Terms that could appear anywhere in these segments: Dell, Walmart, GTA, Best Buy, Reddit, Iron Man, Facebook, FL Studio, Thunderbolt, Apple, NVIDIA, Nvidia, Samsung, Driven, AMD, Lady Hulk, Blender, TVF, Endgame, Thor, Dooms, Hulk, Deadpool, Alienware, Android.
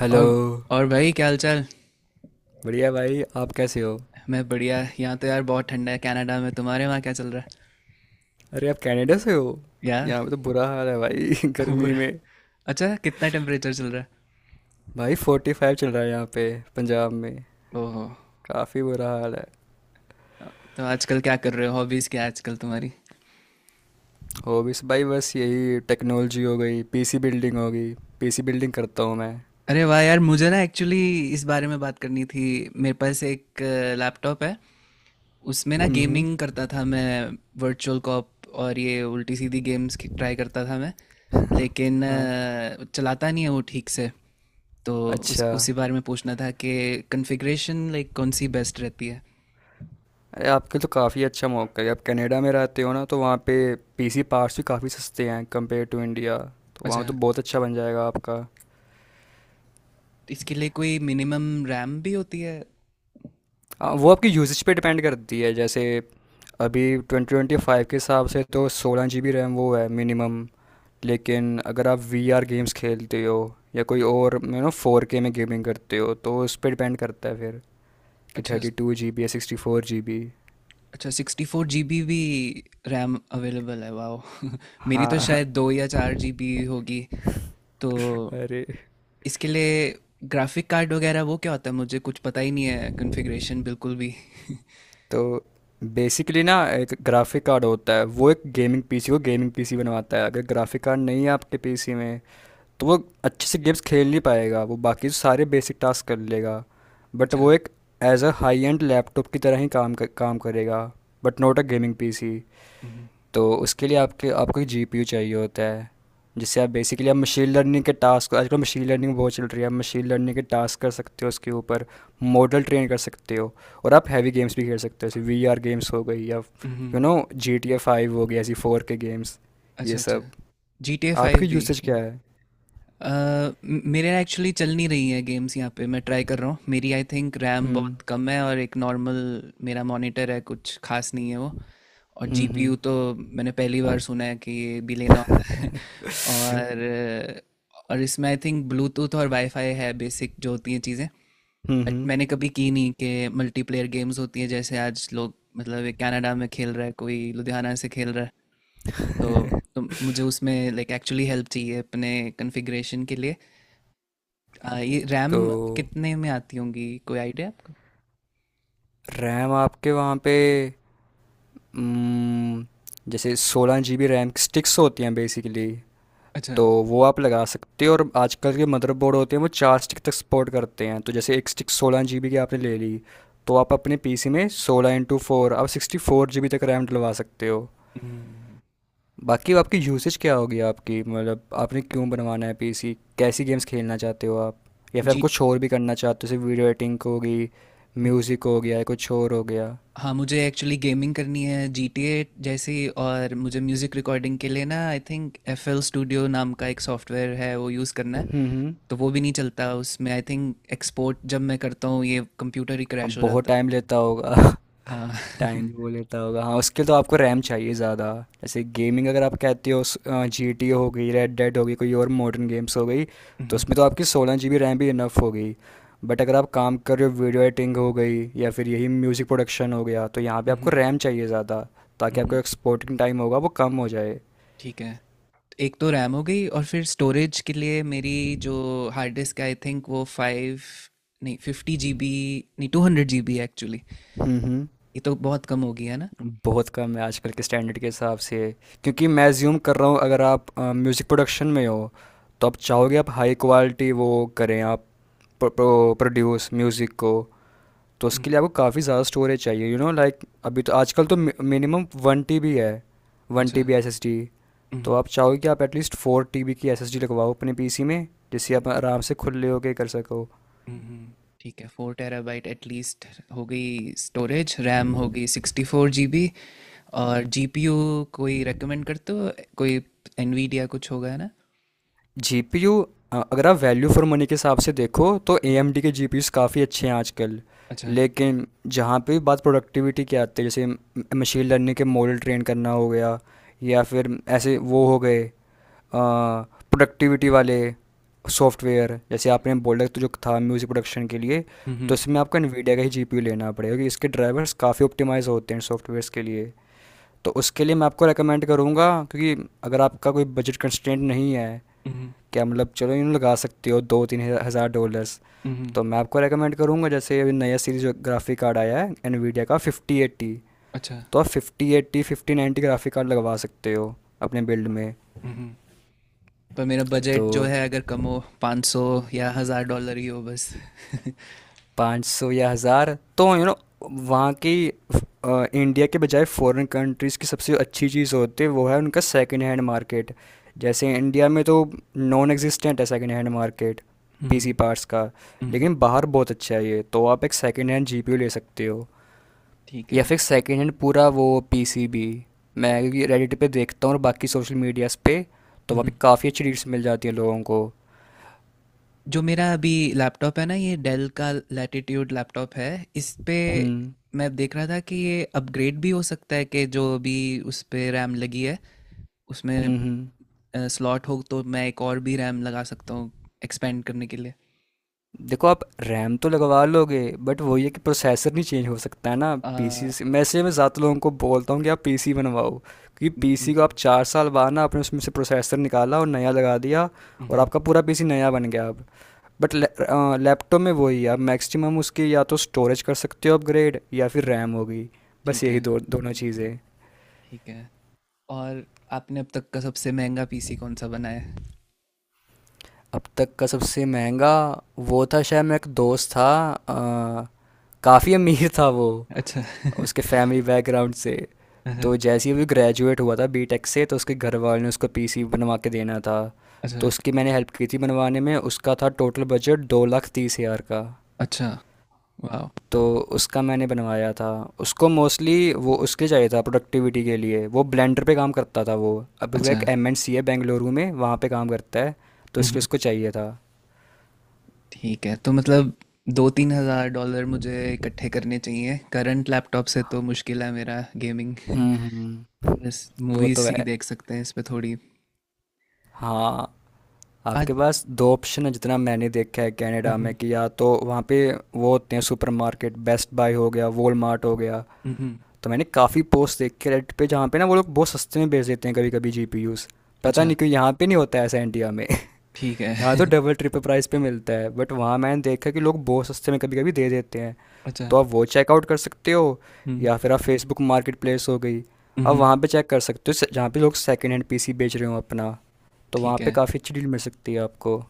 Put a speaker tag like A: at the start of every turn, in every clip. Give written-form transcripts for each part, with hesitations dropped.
A: Hello.
B: और और भाई क्या हाल चाल।
A: बढ़िया भाई, आप कैसे हो?
B: मैं बढ़िया। यहाँ तो यार बहुत ठंडा है कनाडा में। तुम्हारे वहाँ क्या चल रहा है।
A: अरे, आप कनाडा से हो?
B: यार
A: यहाँ पे तो बुरा हाल है भाई गर्मी
B: बुरा।
A: में।
B: अच्छा कितना टेम्परेचर चल रहा है।
A: भाई 45 चल रहा है यहाँ पे, पंजाब में।
B: ओहो।
A: काफ़ी बुरा हाल है।
B: तो आजकल क्या कर रहे हो, हॉबीज़ क्या है आजकल तुम्हारी।
A: हो भी भाई, बस यही टेक्नोलॉजी हो गई, पीसी बिल्डिंग हो गई। पीसी बिल्डिंग करता हूँ मैं।
B: अरे वाह यार, मुझे ना एक्चुअली इस बारे में बात करनी थी। मेरे पास एक लैपटॉप है, उसमें ना
A: हम्म।
B: गेमिंग करता था मैं, वर्चुअल कॉप और ये उल्टी सीधी गेम्स ट्राई करता था मैं। लेकिन
A: हाँ।
B: चलाता नहीं है वो ठीक से। तो उस
A: अच्छा।
B: उसी बारे में पूछना था कि कॉन्फ़िगरेशन लाइक कौन सी बेस्ट रहती है।
A: अरे, आपके तो काफ़ी अच्छा मौका है, आप कनाडा में रहते हो ना, तो वहाँ पे पीसी पार्ट्स भी काफ़ी सस्ते हैं कंपेयर टू इंडिया। तो
B: अच्छा,
A: वहाँ तो बहुत अच्छा बन जाएगा आपका।
B: इसके लिए कोई मिनिमम रैम भी होती है।
A: वो आपकी यूजेज पे डिपेंड करती है। जैसे अभी 2025 के हिसाब से तो 16 जी बी रैम वो है मिनिमम। लेकिन अगर आप वी आर गेम्स खेलते हो या कोई और यू नो फोर के में गेमिंग करते हो तो उस पर डिपेंड करता है फिर कि
B: अच्छा,
A: 32 जी बी या 64 जी बी।
B: अच्छा 64 जी बी भी रैम अवेलेबल है, वाह मेरी तो
A: हाँ।
B: शायद 2 या 4 जी बी होगी। तो
A: अरे।
B: इसके लिए ग्राफिक कार्ड वगैरह वो क्या होता है, मुझे कुछ पता ही नहीं है कॉन्फ़िगरेशन बिल्कुल भी
A: तो बेसिकली ना एक ग्राफिक कार्ड होता है, वो एक गेमिंग पीसी को गेमिंग पीसी बनवाता है। अगर ग्राफिक कार्ड नहीं है आपके पीसी में तो वो अच्छे से गेम्स खेल नहीं पाएगा। वो बाकी सारे बेसिक टास्क कर लेगा, बट
B: अच्छा।
A: वो एक as a high end laptop की तरह ही काम करेगा, but not a gaming PC.
B: हम्म।
A: तो उसके लिए आपके आपको जीपीयू चाहिए होता है, जिससे आप बेसिकली आप मशीन लर्निंग के टास्क, आजकल मशीन लर्निंग बहुत चल रही है, आप मशीन लर्निंग के टास्क कर सकते हो उसके ऊपर, मॉडल ट्रेन कर सकते हो। और आप हैवी गेम्स भी खेल सकते हो, जैसे वी आर गेम्स हो गई या you
B: hmm.
A: Know G T A five हो गई, ऐसी फोर के गेम्स, ये
B: अच्छा अच्छा,
A: सब।
B: जी टी ए
A: आपकी
B: फाइव भी
A: यूसेज क्या
B: है।
A: है?
B: अ, मेरे एक्चुअली चल नहीं रही है गेम्स यहाँ पे, मैं ट्राई कर रहा हूँ। मेरी आई थिंक रैम
A: हम्म
B: बहुत कम है और एक नॉर्मल मेरा मॉनिटर है, कुछ खास नहीं है वो। और
A: हम्म।
B: जीपीयू तो मैंने पहली बार सुना है कि ये भी लेना होता है
A: हुँ।
B: और और इसमें आई थिंक ब्लूटूथ और वाईफाई है, बेसिक जो होती हैं चीज़ें। बट
A: हुँ।
B: मैंने कभी की नहीं कि मल्टीप्लेयर गेम्स होती है, जैसे आज लोग मतलब ये कनाडा में खेल रहा है, कोई लुधियाना से खेल रहा है। तो, तो मुझे उसमें लाइक एक्चुअली हेल्प चाहिए अपने कॉन्फ़िगरेशन के लिए। ये
A: तो
B: रैम कितने में आती होंगी, कोई आइडिया है आपको।
A: रैम आपके वहाँ पे, उम, जैसे 16 जीबी रैम की स्टिक्स होती हैं बेसिकली।
B: अच्छा।
A: तो वो आप लगा सकते हो, और आजकल के मदरबोर्ड होते हैं वो चार स्टिक तक सपोर्ट करते हैं। तो जैसे एक स्टिक 16 जीबी की आपने ले ली तो आप अपने पीसी में 16 इंटू फोर आप 64 जीबी तक रैम डलवा सकते हो।
B: हम्म।
A: बाकी आपकी यूसेज क्या होगी आपकी, मतलब आपने क्यों बनवाना है पीसी? कैसी गेम्स खेलना चाहते हो आप, या फिर आप
B: जी।
A: कुछ और भी करना चाहते हो, जैसे वीडियो एडिटिंग होगी,
B: हम्म।
A: म्यूज़िक हो गया, या कुछ और हो गया?
B: हाँ मुझे एक्चुअली गेमिंग करनी है जी टी ए जैसी, और मुझे म्यूज़िक रिकॉर्डिंग के लिए ना I think F L studio नाम का एक सॉफ्टवेयर है वो यूज़ करना है।
A: हम्म।
B: तो वो भी नहीं चलता उसमें। आई थिंक एक्सपोर्ट जब मैं करता हूँ ये कंप्यूटर ही
A: हाँ,
B: क्रैश हो
A: बहुत
B: जाता है।
A: टाइम लेता होगा
B: हाँ
A: टाइम भी वो लेता होगा, हाँ। उसके लिए तो आपको रैम चाहिए ज़्यादा। जैसे गेमिंग अगर आप कहते हो, जी टी हो गई, रेड डेड हो गई, कोई और मॉडर्न गेम्स हो गई, तो
B: हम्म।
A: उसमें तो आपकी 16 जी बी रैम भी इनफ हो गई। बट अगर आप काम कर रहे हो वीडियो एडिटिंग हो गई या फिर यही म्यूज़िक प्रोडक्शन हो गया, तो यहाँ पे आपको
B: हम्म।
A: रैम चाहिए ज़्यादा, ताकि आपका
B: हम्म।
A: एक्सपोर्टिंग टाइम होगा वो कम हो जाए।
B: ठीक है। एक तो रैम हो गई, और फिर स्टोरेज के लिए मेरी जो हार्ड डिस्क आई थिंक वो 5, नहीं 50 जी बी, नहीं 200 जी बी एक्चुअली।
A: हम्म।
B: ये तो बहुत कम हो गया ना।
A: बहुत कम है आजकल के स्टैंडर्ड के हिसाब से। क्योंकि मैं अज्यूम कर रहा हूँ, अगर आप म्यूज़िक प्रोडक्शन में हो, तो आप चाहोगे आप हाई क्वालिटी वो करें आप, प्रोड्यूस म्यूज़िक को। तो उसके
B: हम्म।
A: लिए आपको काफ़ी ज़्यादा स्टोरेज चाहिए, यू नो लाइक। अभी तो आजकल तो मिनिमम वन टी बी है, वन
B: अच्छा।
A: T B S S D. तो
B: हम्म।
A: आप चाहोगे कि आप एटलीस्ट फोर टी बी की एस एस डी लगवाओ अपने पी सी में, जिससे आप आराम से खुले होके कर सको।
B: हम्म। ठीक है, 4 टेराबाइट एटलीस्ट। हो गई स्टोरेज, रैम हो गई 64 जी बी, और जीपीयू कोई रेकमेंड करते हो, कोई एनवीडिया कुछ होगा है ना।
A: जीपीयू, अगर आप वैल्यू फॉर मनी के हिसाब से देखो तो एएमडी के जीपीयूस काफ़ी अच्छे हैं आजकल।
B: अच्छा।
A: लेकिन जहाँ पे भी बात प्रोडक्टिविटी की आती है, जैसे मशीन लर्निंग के मॉडल ट्रेन करना हो गया, या फिर ऐसे वो हो गए प्रोडक्टिविटी वाले सॉफ्टवेयर, जैसे आपने बोला तो जो था म्यूज़िक प्रोडक्शन के लिए, तो
B: हम्म
A: इसमें आपको NVIDIA का ही जीपीयू लेना पड़ेगा, क्योंकि इसके ड्राइवर्स काफ़ी ऑप्टिमाइज़ होते हैं सॉफ्टवेयर्स के लिए। तो उसके लिए मैं आपको रेकमेंड करूँगा, क्योंकि अगर आपका कोई बजट कंस्ट्रेंट नहीं है,
B: हम्म
A: क्या मतलब, चलो यूँ लगा सकते हो दो तीन हज़ार डॉलर्स।
B: हम्म।
A: तो मैं आपको रेकमेंड करूँगा, जैसे अभी नया सीरीज ग्राफिक कार्ड आया है NVIDIA का 5080,
B: अच्छा।
A: तो आप 5080 5090 ग्राफिक कार्ड लगवा सकते हो अपने बिल्ड में।
B: हम्म। पर मेरा
A: तो
B: बजट जो है अगर कम हो, 500 या हज़ार डॉलर ही हो बस
A: 500 या हज़ार, तो यू नो वहाँ की, इंडिया के बजाय फॉरेन कंट्रीज़ की सबसे अच्छी चीज़ होती है वो है उनका सेकंड हैंड मार्केट। जैसे इंडिया में तो नॉन एग्जिस्टेंट है सेकंड हैंड मार्केट
B: हम्म।
A: पीसी पार्ट्स का,
B: हम्म।
A: लेकिन बाहर बहुत अच्छा है ये। तो आप एक सेकंड हैंड जीपीयू ले सकते हो,
B: ठीक
A: या
B: है।
A: फिर सेकंड हैंड पूरा वो पीसीबी। मैं क्योंकि रेडिट पे देखता हूँ और बाकी सोशल मीडियाज़ पे, तो वहाँ
B: हम्म।
A: पे काफ़ी अच्छी डील्स मिल जाती हैं लोगों को।
B: जो मेरा अभी लैपटॉप है ना, ये डेल का लैटिट्यूड लैपटॉप है। इस पे
A: हम्म
B: मैं देख रहा था कि ये अपग्रेड भी हो सकता है, कि जो अभी उस पे रैम लगी है उसमें
A: हम्म।
B: स्लॉट हो तो मैं एक और भी रैम लगा सकता हूँ एक्सपेंड करने के लिए।
A: देखो, आप रैम तो लगवा लोगे, बट वही है कि प्रोसेसर नहीं चेंज हो सकता है ना
B: अ,
A: पीसी से, मैं इसलिए मैं ज़्यादा लोगों को बोलता हूँ कि आप पीसी बनवाओ, क्योंकि पीसी को आप
B: मम्हम।
A: चार साल बाद ना आपने उसमें से प्रोसेसर निकाला और नया लगा दिया, और
B: मम्हम।
A: आपका पूरा पीसी नया बन गया अब। बट लैपटॉप में वही है, आप मैक्सिमम उसकी या तो स्टोरेज कर सकते हो अपग्रेड या फिर
B: मम्हम।
A: रैम होगी, बस
B: ठीक है।
A: यही दो दोनों चीज़ें।
B: ठीक है। और आपने अब तक का सबसे महंगा पीसी कौन सा बनाया है?
A: अब तक का सबसे महंगा, वो था शायद मेरा एक दोस्त था, काफ़ी अमीर था वो
B: अच्छा
A: उसके फैमिली बैकग्राउंड से।
B: अहं।
A: तो जैसे ही वो ग्रेजुएट हुआ था बीटेक से, तो उसके घर वालों ने उसको पीसी बनवा के देना था, तो
B: अच्छा।
A: उसकी मैंने हेल्प की थी बनवाने में। उसका था टोटल बजट 2,30,000 का।
B: अच्छा। वाह।
A: तो उसका मैंने बनवाया था। उसको मोस्टली वो उसके चाहिए था प्रोडक्टिविटी के लिए, वो ब्लेंडर पे काम करता था वो। अभी वो
B: अच्छा।
A: एक एम एंड सी है बेंगलुरु में, वहाँ पे काम करता है। तो
B: मम्हम।
A: इसलिए उसको चाहिए था।
B: ठीक है, तो मतलब 2 3 हजार डॉलर मुझे इकट्ठे करने चाहिए। करंट लैपटॉप से तो मुश्किल है मेरा गेमिंग
A: हम्म।
B: बस
A: वो तो
B: मूवीज ही
A: है।
B: देख सकते हैं इस पे थोड़ी।
A: हाँ,
B: आज।
A: आपके पास दो ऑप्शन है जितना मैंने देखा है कनाडा में,
B: मम्हम।
A: कि या तो वहाँ पे वो होते हैं सुपरमार्केट, बेस्ट बाय हो गया, वॉलमार्ट हो गया।
B: मम्हम।
A: तो मैंने काफ़ी पोस्ट देखे रेड पे, जहाँ पे ना वो लोग बहुत सस्ते में बेच देते हैं कभी कभी जीपीयूज़। पता
B: अच्छा।
A: नहीं क्यों यहाँ पे नहीं होता है ऐसा इंडिया में
B: ठीक
A: यहाँ
B: है
A: तो डबल ट्रिपल प्राइस पे मिलता है, बट वहाँ मैंने देखा कि लोग बहुत सस्ते में कभी कभी दे देते हैं।
B: अच्छा।
A: तो आप वो चेकआउट कर सकते हो,
B: हम्म
A: या फिर आप फेसबुक मार्केट प्लेस हो गई, आप
B: हम्म।
A: वहाँ पे चेक कर सकते हो जहाँ पे लोग सेकेंड हैंड पीसी बेच रहे हो अपना, तो वहाँ
B: ठीक
A: पे
B: है।
A: काफ़ी अच्छी डील मिल सकती है आपको।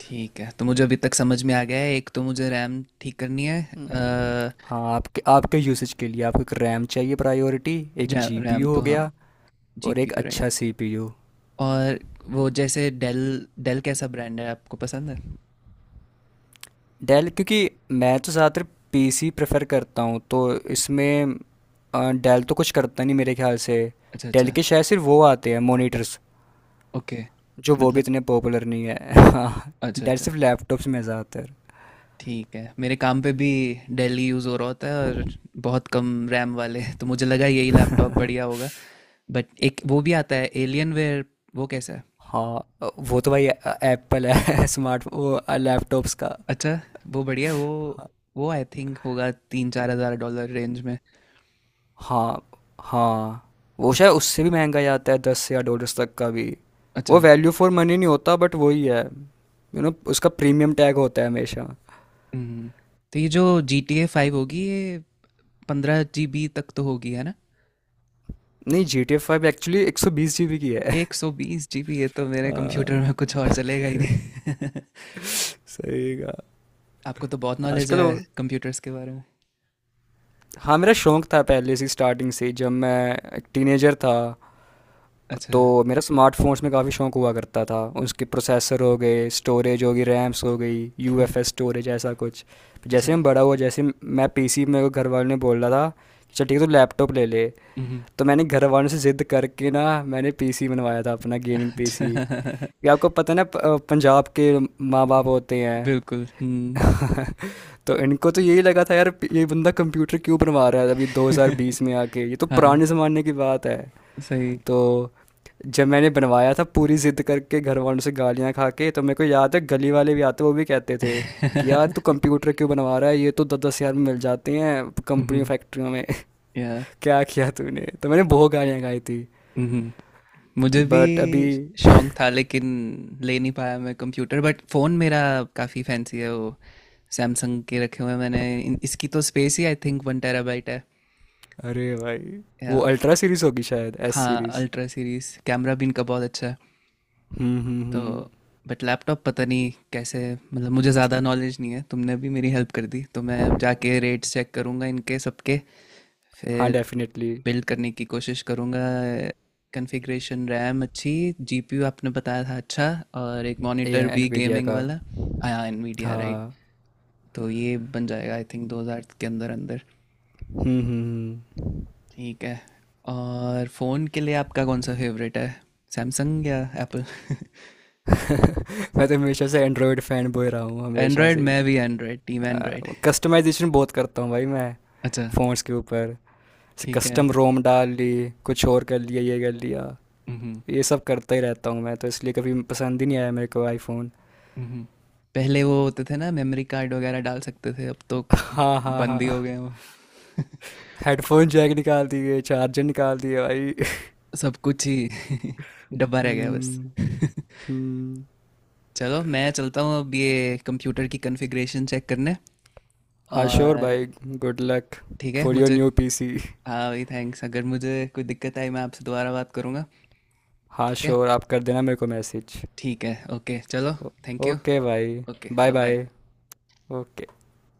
B: ठीक है तो मुझे अभी तक समझ में आ गया है, एक तो मुझे रैम ठीक करनी है।
A: हम्म। हाँ, आपके आपके यूसेज के लिए आपको एक रैम चाहिए प्रायोरिटी, एक
B: रैम
A: जीपीयू
B: तो
A: हो
B: हाँ।
A: गया, और एक
B: जीपीयू
A: अच्छा
B: राइट।
A: सीपीयू।
B: और वो जैसे डेल, डेल कैसा ब्रांड है, आपको पसंद है।
A: डेल, क्योंकि मैं तो ज़्यादातर पीसी प्रेफर करता हूँ, तो इसमें डेल तो कुछ करता नहीं मेरे ख्याल से।
B: अच्छा
A: डेल
B: अच्छा।
A: के शायद सिर्फ वो आते हैं मॉनिटर्स,
B: ओके।
A: जो वो भी
B: मतलब,
A: इतने पॉपुलर नहीं है हाँ,
B: अच्छा
A: डेल
B: अच्छा।
A: सिर्फ लैपटॉप्स में है ज़्यादातर।
B: ठीक है, मेरे काम पे भी डेल ही यूज़ हो रहा होता है और बहुत कम रैम वाले, तो मुझे लगा यही लैपटॉप बढ़िया होगा। बट एक वो भी आता है एलियन वेयर, वो कैसा है।
A: हाँ, वो तो भाई एप्पल है स्मार्ट वो लैपटॉप्स का।
B: अच्छा। वो बढ़िया है, वो आई थिंक होगा 3 4 हज़ार डॉलर रेंज में।
A: हाँ। हाँ, वो शायद उससे भी महंगा ही आता है, दस या डॉलर्स तक का भी।
B: अच्छा।
A: वो वैल्यू फॉर मनी नहीं होता, बट वही है, यू नो उसका प्रीमियम टैग होता है हमेशा।
B: हम्म। तो ये जो जी टी ए फाइव होगी ये 15 जी बी तक तो होगी है ना।
A: नहीं, G T A five actually 120 G B की है।
B: 120 जी बी, ये तो मेरे कंप्यूटर
A: हाँ।
B: में कुछ और चलेगा ही नहीं
A: सही का।
B: आपको तो बहुत नॉलेज
A: आजकल
B: है कंप्यूटर्स के बारे में।
A: हाँ, मेरा शौक था पहले से स्टार्टिंग से, जब मैं एक टीनेजर था।
B: अच्छा।
A: तो मेरा स्मार्टफ़ोन्स में काफ़ी शौक हुआ करता था, उसके प्रोसेसर हो गए, स्टोरेज होगी, रैम्स हो गई, यू
B: हम्म।
A: एफ एस स्टोरेज ऐसा कुछ।
B: अच्छा।
A: जैसे हम बड़ा हुआ, जैसे मैं पी सी, मेरे को घर वालों ने बोल रहा था चल ठीक है तो लैपटॉप ले ले।
B: हम्म।
A: तो मैंने घर वालों से ज़िद करके ना मैंने पीसी बनवाया था अपना, गेमिंग पीसी।
B: अच्छा
A: ये आपको पता है ना, पंजाब के माँ बाप
B: हम्म।
A: होते हैं
B: बिल्कुल।
A: तो इनको तो यही लगा था, यार ये बंदा कंप्यूटर क्यों बनवा रहा है, अभी 2020 में आके, ये तो
B: हाँ
A: पुराने ज़माने की बात है।
B: सही
A: तो जब मैंने बनवाया था पूरी ज़िद करके घर वालों से गालियाँ खा के, तो मेरे को याद है गली वाले भी आते वो भी कहते थे कि यार तू कंप्यूटर क्यों बनवा रहा है, ये तो दस दस हज़ार में मिल जाते हैं कंपनियों
B: हम्म।
A: फैक्ट्रियों में
B: या।
A: क्या किया तूने? तो मैंने बहुत गालियाँ खाई थी,
B: हम्म। मुझे भी
A: बट अभी।
B: शौक था लेकिन ले नहीं पाया मैं कंप्यूटर। बट फोन मेरा काफी फैंसी है, वो सैमसंग के रखे हुए हैं मैंने। इसकी तो स्पेस ही आई थिंक 1 टेराबाइट है
A: अरे भाई, वो
B: या-।
A: अल्ट्रा सीरीज़ होगी शायद, एस
B: हाँ
A: सीरीज़।
B: अल्ट्रा सीरीज कैमरा भी इनका बहुत अच्छा है। तो
A: हम्म।
B: बट लैपटॉप पता नहीं कैसे, मतलब मुझे ज़्यादा नॉलेज नहीं है। तुमने अभी मेरी हेल्प कर दी, तो मैं अब जाके रेट्स चेक करूँगा इनके सबके,
A: हाँ
B: फिर
A: डेफिनेटली।
B: बिल्ड करने की कोशिश करूँगा। कॉन्फ़िगरेशन, रैम अच्छी, जीपीयू आपने बताया था अच्छा, और एक मॉनिटर
A: ये
B: भी
A: एनवीडिया
B: गेमिंग
A: का।
B: वाला। हाँ एनवीडिया राइट।
A: हाँ।
B: तो ये बन जाएगा आई थिंक 2000 के अंदर अंदर।
A: हम्म।
B: ठीक है। और फ़ोन के लिए आपका कौन सा फेवरेट है, सैमसंग या एप्पल।
A: मैं तो हमेशा से एंड्रॉयड फैन बॉय रहा हूँ हमेशा
B: एंड्रॉयड,
A: से।
B: मैं भी एंड्रॉयड, टीम एंड्रॉयड।
A: कस्टमाइजेशन बहुत करता हूँ भाई मैं,
B: अच्छा।
A: फ़ोन्स के ऊपर। जैसे
B: ठीक है।
A: कस्टम रोम डाल ली, कुछ और कर लिया, ये कर लिया,
B: हम्म।
A: ये सब करता ही रहता हूँ मैं, तो इसलिए कभी पसंद ही नहीं आया मेरे को आईफोन।
B: हम्म। पहले वो होते थे ना मेमोरी कार्ड वगैरह डाल सकते थे, अब तो
A: हाँ हाँ
B: बंद ही हो गए
A: हाँ।
B: हैं वो
A: हेडफोन जैक निकाल दिए, चार्जर निकाल दिए भाई।
B: सब कुछ ही डब्बा रह गया बस
A: हम्म हम्म।
B: चलो मैं चलता हूँ अब ये कंप्यूटर की कॉन्फ़िगरेशन चेक करने।
A: हाँ श्योर
B: और
A: भाई, गुड लक
B: ठीक है
A: फॉर योर
B: मुझे।
A: New PC.
B: हाँ भाई थैंक्स, अगर मुझे कोई दिक्कत आई मैं आपसे दोबारा बात करूँगा।
A: हाँ
B: ठीक है।
A: श्योर, आप कर देना मेरे को मैसेज।
B: ठीक है ओके चलो। Thank you.
A: ओके भाई।
B: Okay
A: bye
B: bye bye.
A: Bye. Okay